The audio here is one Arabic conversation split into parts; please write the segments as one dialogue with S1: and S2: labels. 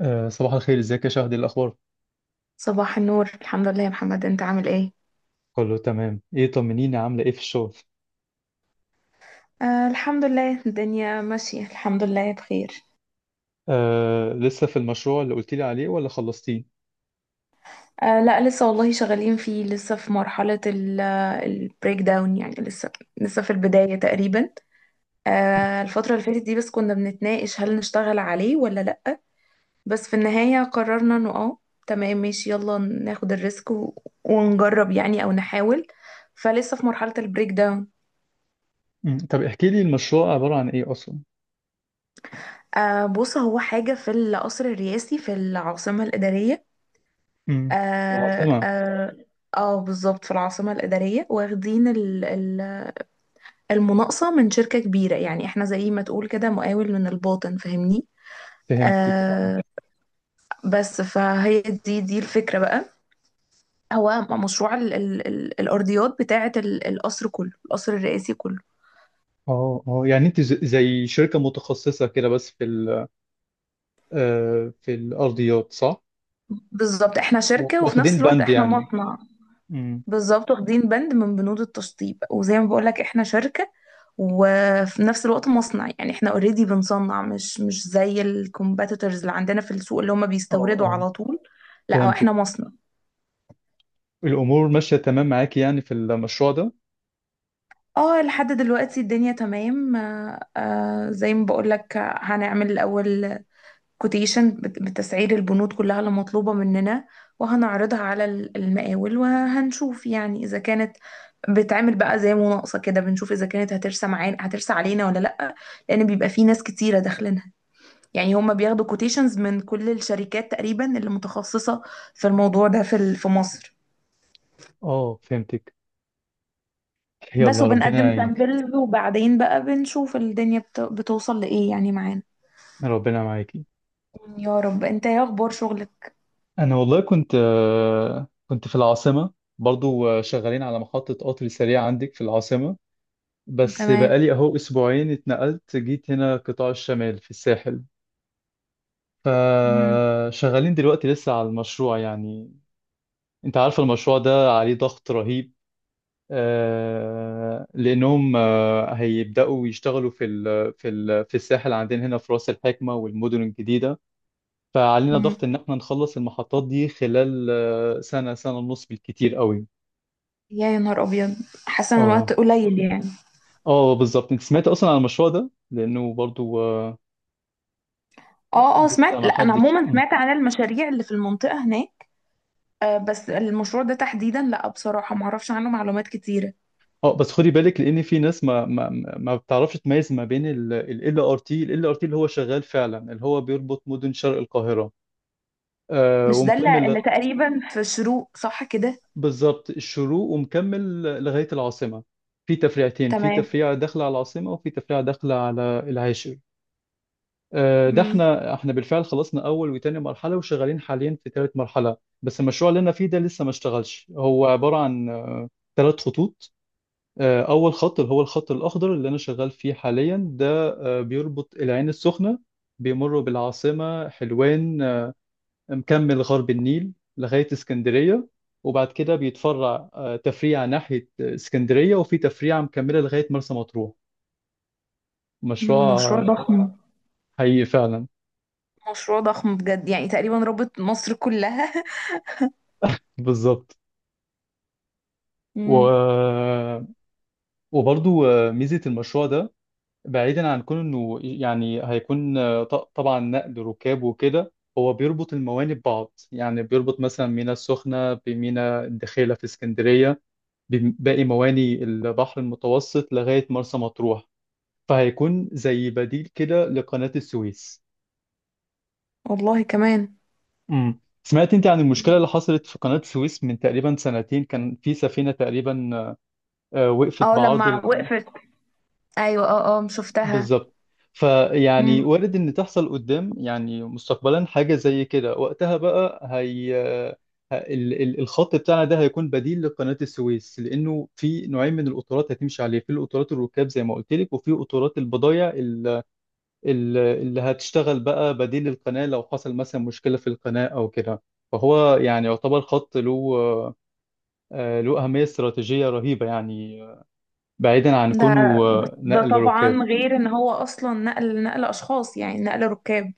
S1: صباح الخير، ازيك يا شهد؟ إيه الاخبار؟
S2: صباح النور، الحمد لله يا محمد. انت عامل ايه؟
S1: كله تمام. ايه، طمنيني، عامله ايه في الشغل؟
S2: آه، الحمد لله، الدنيا ماشية، الحمد لله بخير.
S1: لسه في المشروع اللي قلت لي عليه ولا خلصتيه؟
S2: آه لا، لسه والله، شغالين فيه، لسه في مرحلة البريك داون، يعني لسه في البداية تقريبا. آه، الفترة اللي فاتت دي بس كنا بنتناقش، هل نشتغل عليه ولا لا. بس في النهاية قررنا انه تمام، ماشي، يلا ناخد الريسك ونجرب يعني، او نحاول، فلسه في مرحلة البريك داون.
S1: مم. طب احكي لي المشروع عباره عن ايه اصلا؟
S2: آه، بص، هو حاجة في القصر الرئاسي في العاصمة الإدارية.
S1: مم.
S2: اه،
S1: العاصمه.
S2: اه. آه، بالظبط، في العاصمة الإدارية واخدين المناقصة من شركة كبيرة، يعني احنا زي ما تقول كده مقاول من الباطن، فاهمني؟
S1: فهمتك، اه
S2: آه، بس فهي دي الفكرة بقى. هو مشروع ال ال ال الأرضيات بتاعة القصر كله، القصر الرئاسي كله.
S1: اه. اه، يعني انت زي شركه متخصصه كده بس في ال في الارضيات صح؟
S2: بالظبط، احنا شركة وفي نفس
S1: واخدين
S2: الوقت
S1: بند
S2: احنا
S1: يعني.
S2: مصنع.
S1: مم.
S2: بالظبط، واخدين بند من بنود التشطيب، وزي ما بقولك احنا شركة وفي نفس الوقت مصنع، يعني احنا اوريدي بنصنع، مش زي الكومبيتيتورز اللي عندنا في السوق، اللي هم
S1: اه،
S2: بيستوردوا
S1: اه،
S2: على طول. لا، هو
S1: فهمتك.
S2: احنا مصنع.
S1: الامور ماشيه تمام معاكي يعني في المشروع ده؟
S2: اه، لحد دلوقتي الدنيا تمام، زي ما بقولك، هنعمل الاول كوتيشن بتسعير البنود كلها اللي مطلوبة مننا، وهنعرضها على المقاول، وهنشوف يعني إذا كانت بتعمل بقى زي مناقصة كده، بنشوف إذا كانت هترسى معانا، هترسى علينا ولا لأ. لأن بيبقى في ناس كتيرة داخلينها، يعني هما بياخدوا كوتيشنز من كل الشركات تقريبا اللي متخصصة في الموضوع ده، في مصر.
S1: اه، فهمتك.
S2: بس،
S1: يلا ربنا
S2: وبنقدم
S1: يعينك.
S2: سامبلز وبعدين بقى بنشوف الدنيا بتوصل لإيه يعني معانا.
S1: ربنا معاكي.
S2: يا رب. انت ايه اخبار شغلك؟
S1: انا والله كنت في العاصمه برضو، شغالين على محطه قطر سريع عندك في العاصمه. بس
S2: تمام.
S1: بقالي اهو اسبوعين اتنقلت، جيت هنا قطاع الشمال في الساحل.
S2: مم.
S1: فشغالين دلوقتي لسه على المشروع يعني. انت عارف المشروع ده عليه ضغط رهيب. لانهم هيبداوا يشتغلوا في الساحل عندنا هنا في راس الحكمه والمدن الجديده. فعلينا ضغط
S2: مم.
S1: ان احنا نخلص المحطات دي خلال سنه، سنه ونص بالكتير قوي.
S2: يا نهار ابيض، حاسه ان الوقت
S1: اه،
S2: قليل يعني.
S1: اه، بالظبط. انت سمعت اصلا عن المشروع ده؟ لانه برضو
S2: اه، اه،
S1: لسه
S2: سمعت.
S1: ما
S2: لا، انا
S1: حدش
S2: عموما
S1: اه.
S2: سمعت عن المشاريع اللي في المنطقه هناك. آه، بس المشروع ده تحديدا لا، بصراحه ما اعرفش عنه معلومات كتيره.
S1: بس خدي بالك، لان في ناس ما بتعرفش تميز ما بين ال ار تي، ال ار تي اللي هو شغال فعلا، اللي هو بيربط مدن شرق القاهره
S2: مش ده
S1: ومكمل
S2: اللي تقريبا في شروق، صح كده؟
S1: بالظبط، الشروق ومكمل لغايه العاصمه. في تفريعتين، في
S2: تمام.
S1: تفريعه داخله على العاصمه وفي تفريعه داخله على العاشر. ده
S2: مم.
S1: احنا بالفعل خلصنا اول وتاني مرحله وشغالين حاليا في تالت مرحله. بس المشروع اللي انا فيه ده لسه ما اشتغلش، هو عباره عن تلات خطوط. اول خط اللي هو الخط الاخضر اللي انا شغال فيه حاليا ده بيربط العين السخنه، بيمر بالعاصمه، حلوان، مكمل غرب النيل لغايه اسكندريه. وبعد كده بيتفرع تفريع ناحيه اسكندريه وفي تفريعه مكمله لغايه مرسى مطروح. مشروع
S2: مشروع ضخم.
S1: حقيقي فعلا.
S2: مشروع ضخم بجد، يعني تقريبا رابط مصر كلها.
S1: بالظبط. و
S2: مم.
S1: آه، وبرضو ميزة المشروع ده، بعيدا عن كون انه يعني هيكون طبعا نقل ركاب وكده، هو بيربط الموانئ ببعض، يعني بيربط مثلا ميناء السخنة بميناء الدخيلة في اسكندرية بباقي موانئ البحر المتوسط لغاية مرسى مطروح. فهيكون زي بديل كده لقناة السويس.
S2: والله كمان.
S1: سمعت انت عن المشكلة اللي حصلت في قناة السويس من تقريبا سنتين؟ كان في سفينة تقريبا وقفت
S2: اه،
S1: بعرض.
S2: لما وقفت، ايوه، اه، اه، شفتها.
S1: بالظبط. فيعني
S2: مم.
S1: وارد ان تحصل قدام، يعني مستقبلا حاجه زي كده، وقتها بقى هي الخط بتاعنا ده هيكون بديل لقناه السويس، لانه في نوعين من القطارات هتمشي عليه، في القطارات الركاب زي ما قلت لك، وفي قطارات البضايع اللي هتشتغل بقى بديل القناه لو حصل مثلا مشكله في القناه او كده. فهو يعني يعتبر خط له، له اهميه استراتيجيه رهيبه يعني، بعيدا عن
S2: ده
S1: كونه
S2: ده
S1: نقل ركاب.
S2: طبعا غير ان هو اصلا نقل اشخاص، يعني نقل ركاب.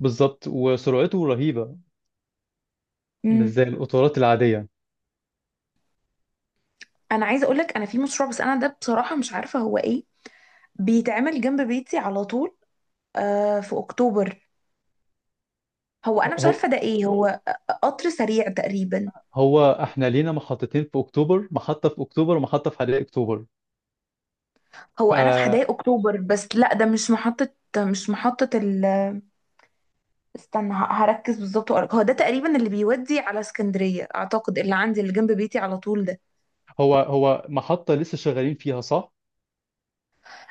S1: بالظبط، وسرعته رهيبة. مش
S2: امم
S1: زي القطارات العادية.
S2: انا عايزه اقول لك، انا في مشروع بس انا ده بصراحه مش عارفه هو ايه، بيتعمل جنب بيتي على طول. آه، في اكتوبر. هو انا مش
S1: هو
S2: عارفه ده ايه هو. قطر سريع تقريبا.
S1: هو احنا لينا محطتين في اكتوبر، محطة في اكتوبر ومحطة في حدائق اكتوبر.
S2: هو انا في
S1: فهو
S2: حدائق اكتوبر، بس لا، ده مش محطه. مش محطه. استنى، هركز بالظبط وأقولك. هو ده تقريبا اللي بيودي على اسكندريه اعتقد، اللي عندي اللي جنب بيتي على طول ده.
S1: هو محطة لسه شغالين فيها صح؟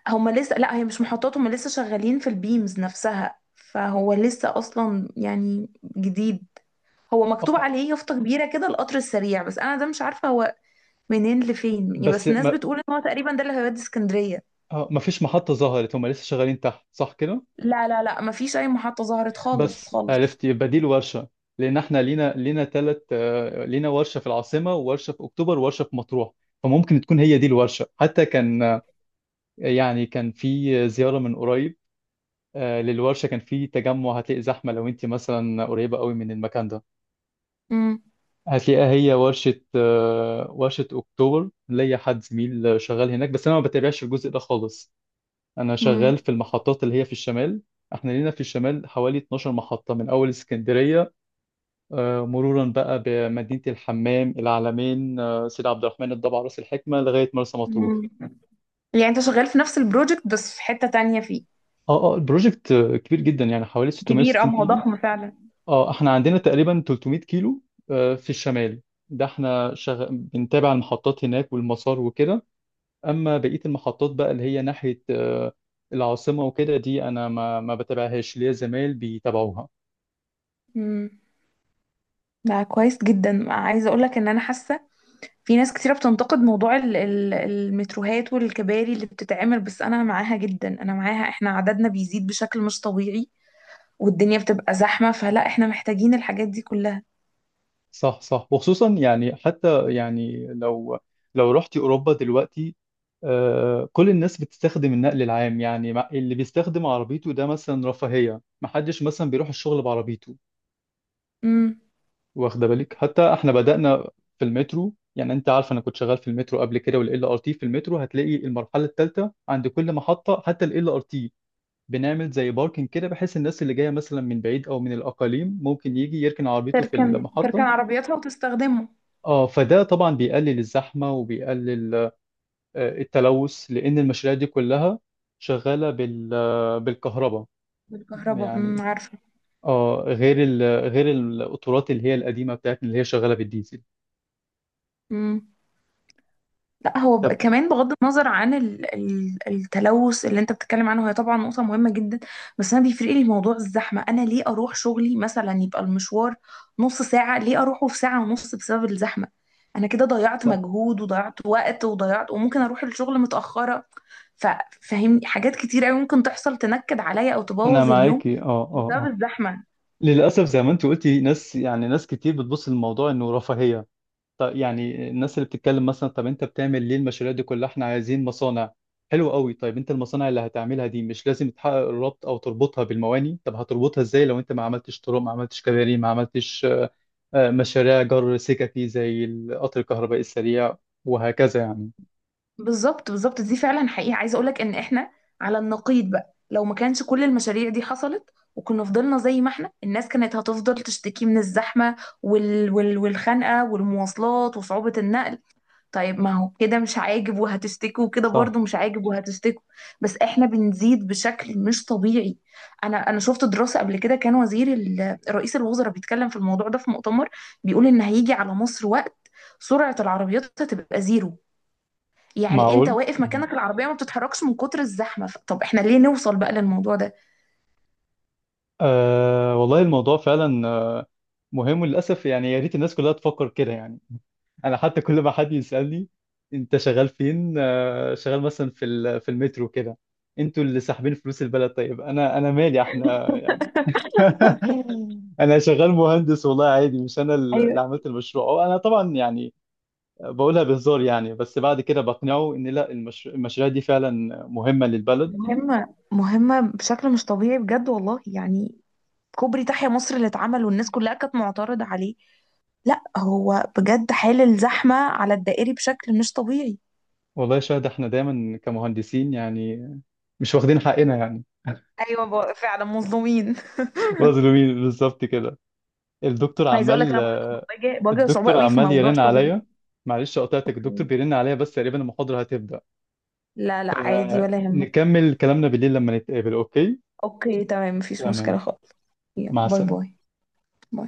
S2: هما لسه. لا، هي مش محطات، هما لسه شغالين في البيمز نفسها، فهو لسه اصلا يعني جديد. هو مكتوب
S1: آه،
S2: عليه يافطة كبيرة كده، القطر السريع. بس انا ده مش عارفة هو منين لفين يعني.
S1: بس
S2: بس الناس بتقول ان هو تقريبا ده اللي هيودي اسكندرية.
S1: ما فيش محطة ظهرت، هم لسه شغالين تحت صح كده؟
S2: لا، لا، لا، مفيش اي محطة ظهرت، خالص
S1: بس
S2: خالص.
S1: عرفت يبقى دي الورشة، لان احنا لينا لينا ثلاث، لينا ورشة في العاصمة وورشة في اكتوبر وورشة في مطروح. فممكن تكون هي دي الورشة. حتى كان يعني كان في زيارة من قريب للورشة، كان في تجمع. هتلاقي زحمة لو انت مثلا قريبة قوي من المكان ده،
S2: امم
S1: هتلاقيها هي ورشة أكتوبر. ليا حد زميل شغال هناك، بس أنا ما بتابعش الجزء ده خالص. أنا شغال
S2: امم
S1: في المحطات اللي هي في الشمال. احنا لينا في الشمال حوالي 12 محطة من أول اسكندرية، مرورا بقى بمدينة الحمام، العلمين، سيد عبد الرحمن، الضبع، راس الحكمة لغاية مرسى مطروح.
S2: امم يعني انت شغال في نفس البروجكت، بس في حتة تانية فيه.
S1: اه، اه، البروجكت كبير جدا يعني، حوالي
S2: كبير، اه،
S1: 660
S2: ما هو
S1: كيلو.
S2: ضخم فعلا.
S1: اه، احنا عندنا تقريبا 300 كيلو في الشمال. ده احنا بنتابع المحطات هناك والمسار وكده. اما بقية المحطات بقى اللي هي ناحية العاصمة وكده دي، انا ما بتابعهاش، ليا زمايل بيتابعوها.
S2: امم ده كويس جدا. عايزة اقول لك ان انا حاسة، في ناس كتيرة بتنتقد موضوع المتروهات والكباري اللي بتتعمل. بس أنا معاها جدا، أنا معاها. إحنا عددنا بيزيد بشكل مش طبيعي، والدنيا بتبقى زحمة، فلا، إحنا محتاجين الحاجات دي كلها.
S1: صح، صح، وخصوصا يعني حتى يعني لو رحتي اوروبا دلوقتي، كل الناس بتستخدم النقل العام يعني، اللي بيستخدم عربيته ده مثلا رفاهية، محدش مثلا بيروح الشغل بعربيته.
S2: امم
S1: واخده بالك، حتى احنا بدأنا في المترو. يعني انت عارف انا كنت شغال في المترو قبل كده والال ار تي، في المترو هتلاقي المرحله الثالثه عند كل محطه، حتى الال ار تي بنعمل زي باركنج كده، بحيث الناس اللي جايه مثلا من بعيد او من الاقاليم ممكن يجي يركن عربيته في
S2: تركن
S1: المحطه.
S2: عربياتها وتستخدمه.
S1: اه، فده طبعا بيقلل الزحمه وبيقلل التلوث، لان المشاريع دي كلها شغاله بالكهرباء
S2: بالكهرباء،
S1: يعني،
S2: عارفة.
S1: اه، غير القطارات اللي هي القديمه بتاعتنا اللي هي شغاله بالديزل.
S2: لا هو
S1: طب.
S2: كمان، بغض النظر عن التلوث اللي انت بتتكلم عنه، هي طبعا نقطة مهمة جدا. بس انا بيفرق لي موضوع الزحمة. انا ليه اروح شغلي مثلا يبقى المشوار نص ساعة، ليه اروحه في ساعة ونص بسبب الزحمة؟ انا كده ضيعت
S1: صح.
S2: مجهود وضيعت وقت وضيعت، وممكن اروح الشغل متأخرة. ففهمني، حاجات كتير قوي ممكن تحصل تنكد عليا او
S1: انا
S2: تبوظ اليوم
S1: معاكي، اه، اه،
S2: بسبب
S1: اه.
S2: الزحمة.
S1: للاسف زي ما انت قلتي، ناس يعني ناس كتير بتبص للموضوع انه رفاهيه. طب يعني الناس اللي بتتكلم مثلا: طب انت بتعمل ليه المشاريع دي كلها، احنا عايزين مصانع. حلو قوي، طيب انت المصانع اللي هتعملها دي مش لازم تحقق الربط او تربطها بالمواني؟ طب هتربطها ازاي لو انت ما عملتش طرق، ما عملتش كباري، ما عملتش مشاريع جر سككي زي القطر الكهربائي السريع، وهكذا يعني.
S2: بالظبط، بالظبط، دي فعلا حقيقة. عايزة اقولك ان احنا على النقيض بقى، لو ما كانش كل المشاريع دي حصلت، وكنا فضلنا زي ما احنا، الناس كانت هتفضل تشتكي من الزحمة والخنقة والمواصلات وصعوبة النقل. طيب، ما هو كده مش عاجب وهتشتكوا، وكده برضو
S1: صح.
S2: مش عاجب وهتشتكوا. بس احنا بنزيد بشكل مش طبيعي. انا شفت دراسة قبل كده، كان رئيس الوزراء بيتكلم في الموضوع ده في مؤتمر، بيقول ان هيجي على مصر وقت سرعة العربيات هتبقى زيرو، يعني انت
S1: معقول.
S2: واقف
S1: مم.
S2: مكانك، العربية ما بتتحركش من كتر الزحمة. طب احنا ليه نوصل بقى للموضوع ده؟
S1: والله الموضوع فعلا مهم، للأسف. يعني يا ريت الناس كلها تفكر كده يعني. انا حتى كل ما حد يسالني: انت شغال فين؟ شغال مثلا في المترو كده. انتوا اللي ساحبين فلوس البلد. طيب انا مالي احنا يعني، انا شغال مهندس والله عادي، مش انا
S2: ايوه.
S1: اللي عملت المشروع، أو انا طبعا يعني، بقولها بهزار يعني. بس بعد كده بقنعه ان لا، المشاريع دي فعلا مهمة للبلد.
S2: مهمة، مهمة بشكل مش طبيعي بجد والله يعني. كوبري تحيا مصر اللي اتعمل والناس كلها كانت معترضة عليه، لا، هو بجد حال الزحمة على الدائري بشكل مش طبيعي.
S1: والله يا شاهد، احنا دايما كمهندسين يعني مش واخدين حقنا يعني.
S2: ايوه، فعلا مظلومين.
S1: مظلومين بالظبط كده. الدكتور
S2: عايزه اقول لك،
S1: عمال،
S2: انا برضو بواجه صعوبه
S1: الدكتور
S2: قوي في
S1: عمال
S2: موضوع
S1: يرن
S2: شغلي.
S1: عليا. معلش قطعتك،
S2: اوكي.
S1: الدكتور بيرن عليا بس تقريبا المحاضرة هتبدأ.
S2: لا لا، عادي، ولا يهمك.
S1: فنكمل كلامنا بالليل لما نتقابل، اوكي؟
S2: اوكي، تمام، مفيش
S1: تمام.
S2: مشكله خالص. يلا،
S1: مع
S2: باي
S1: السلامة.
S2: باي.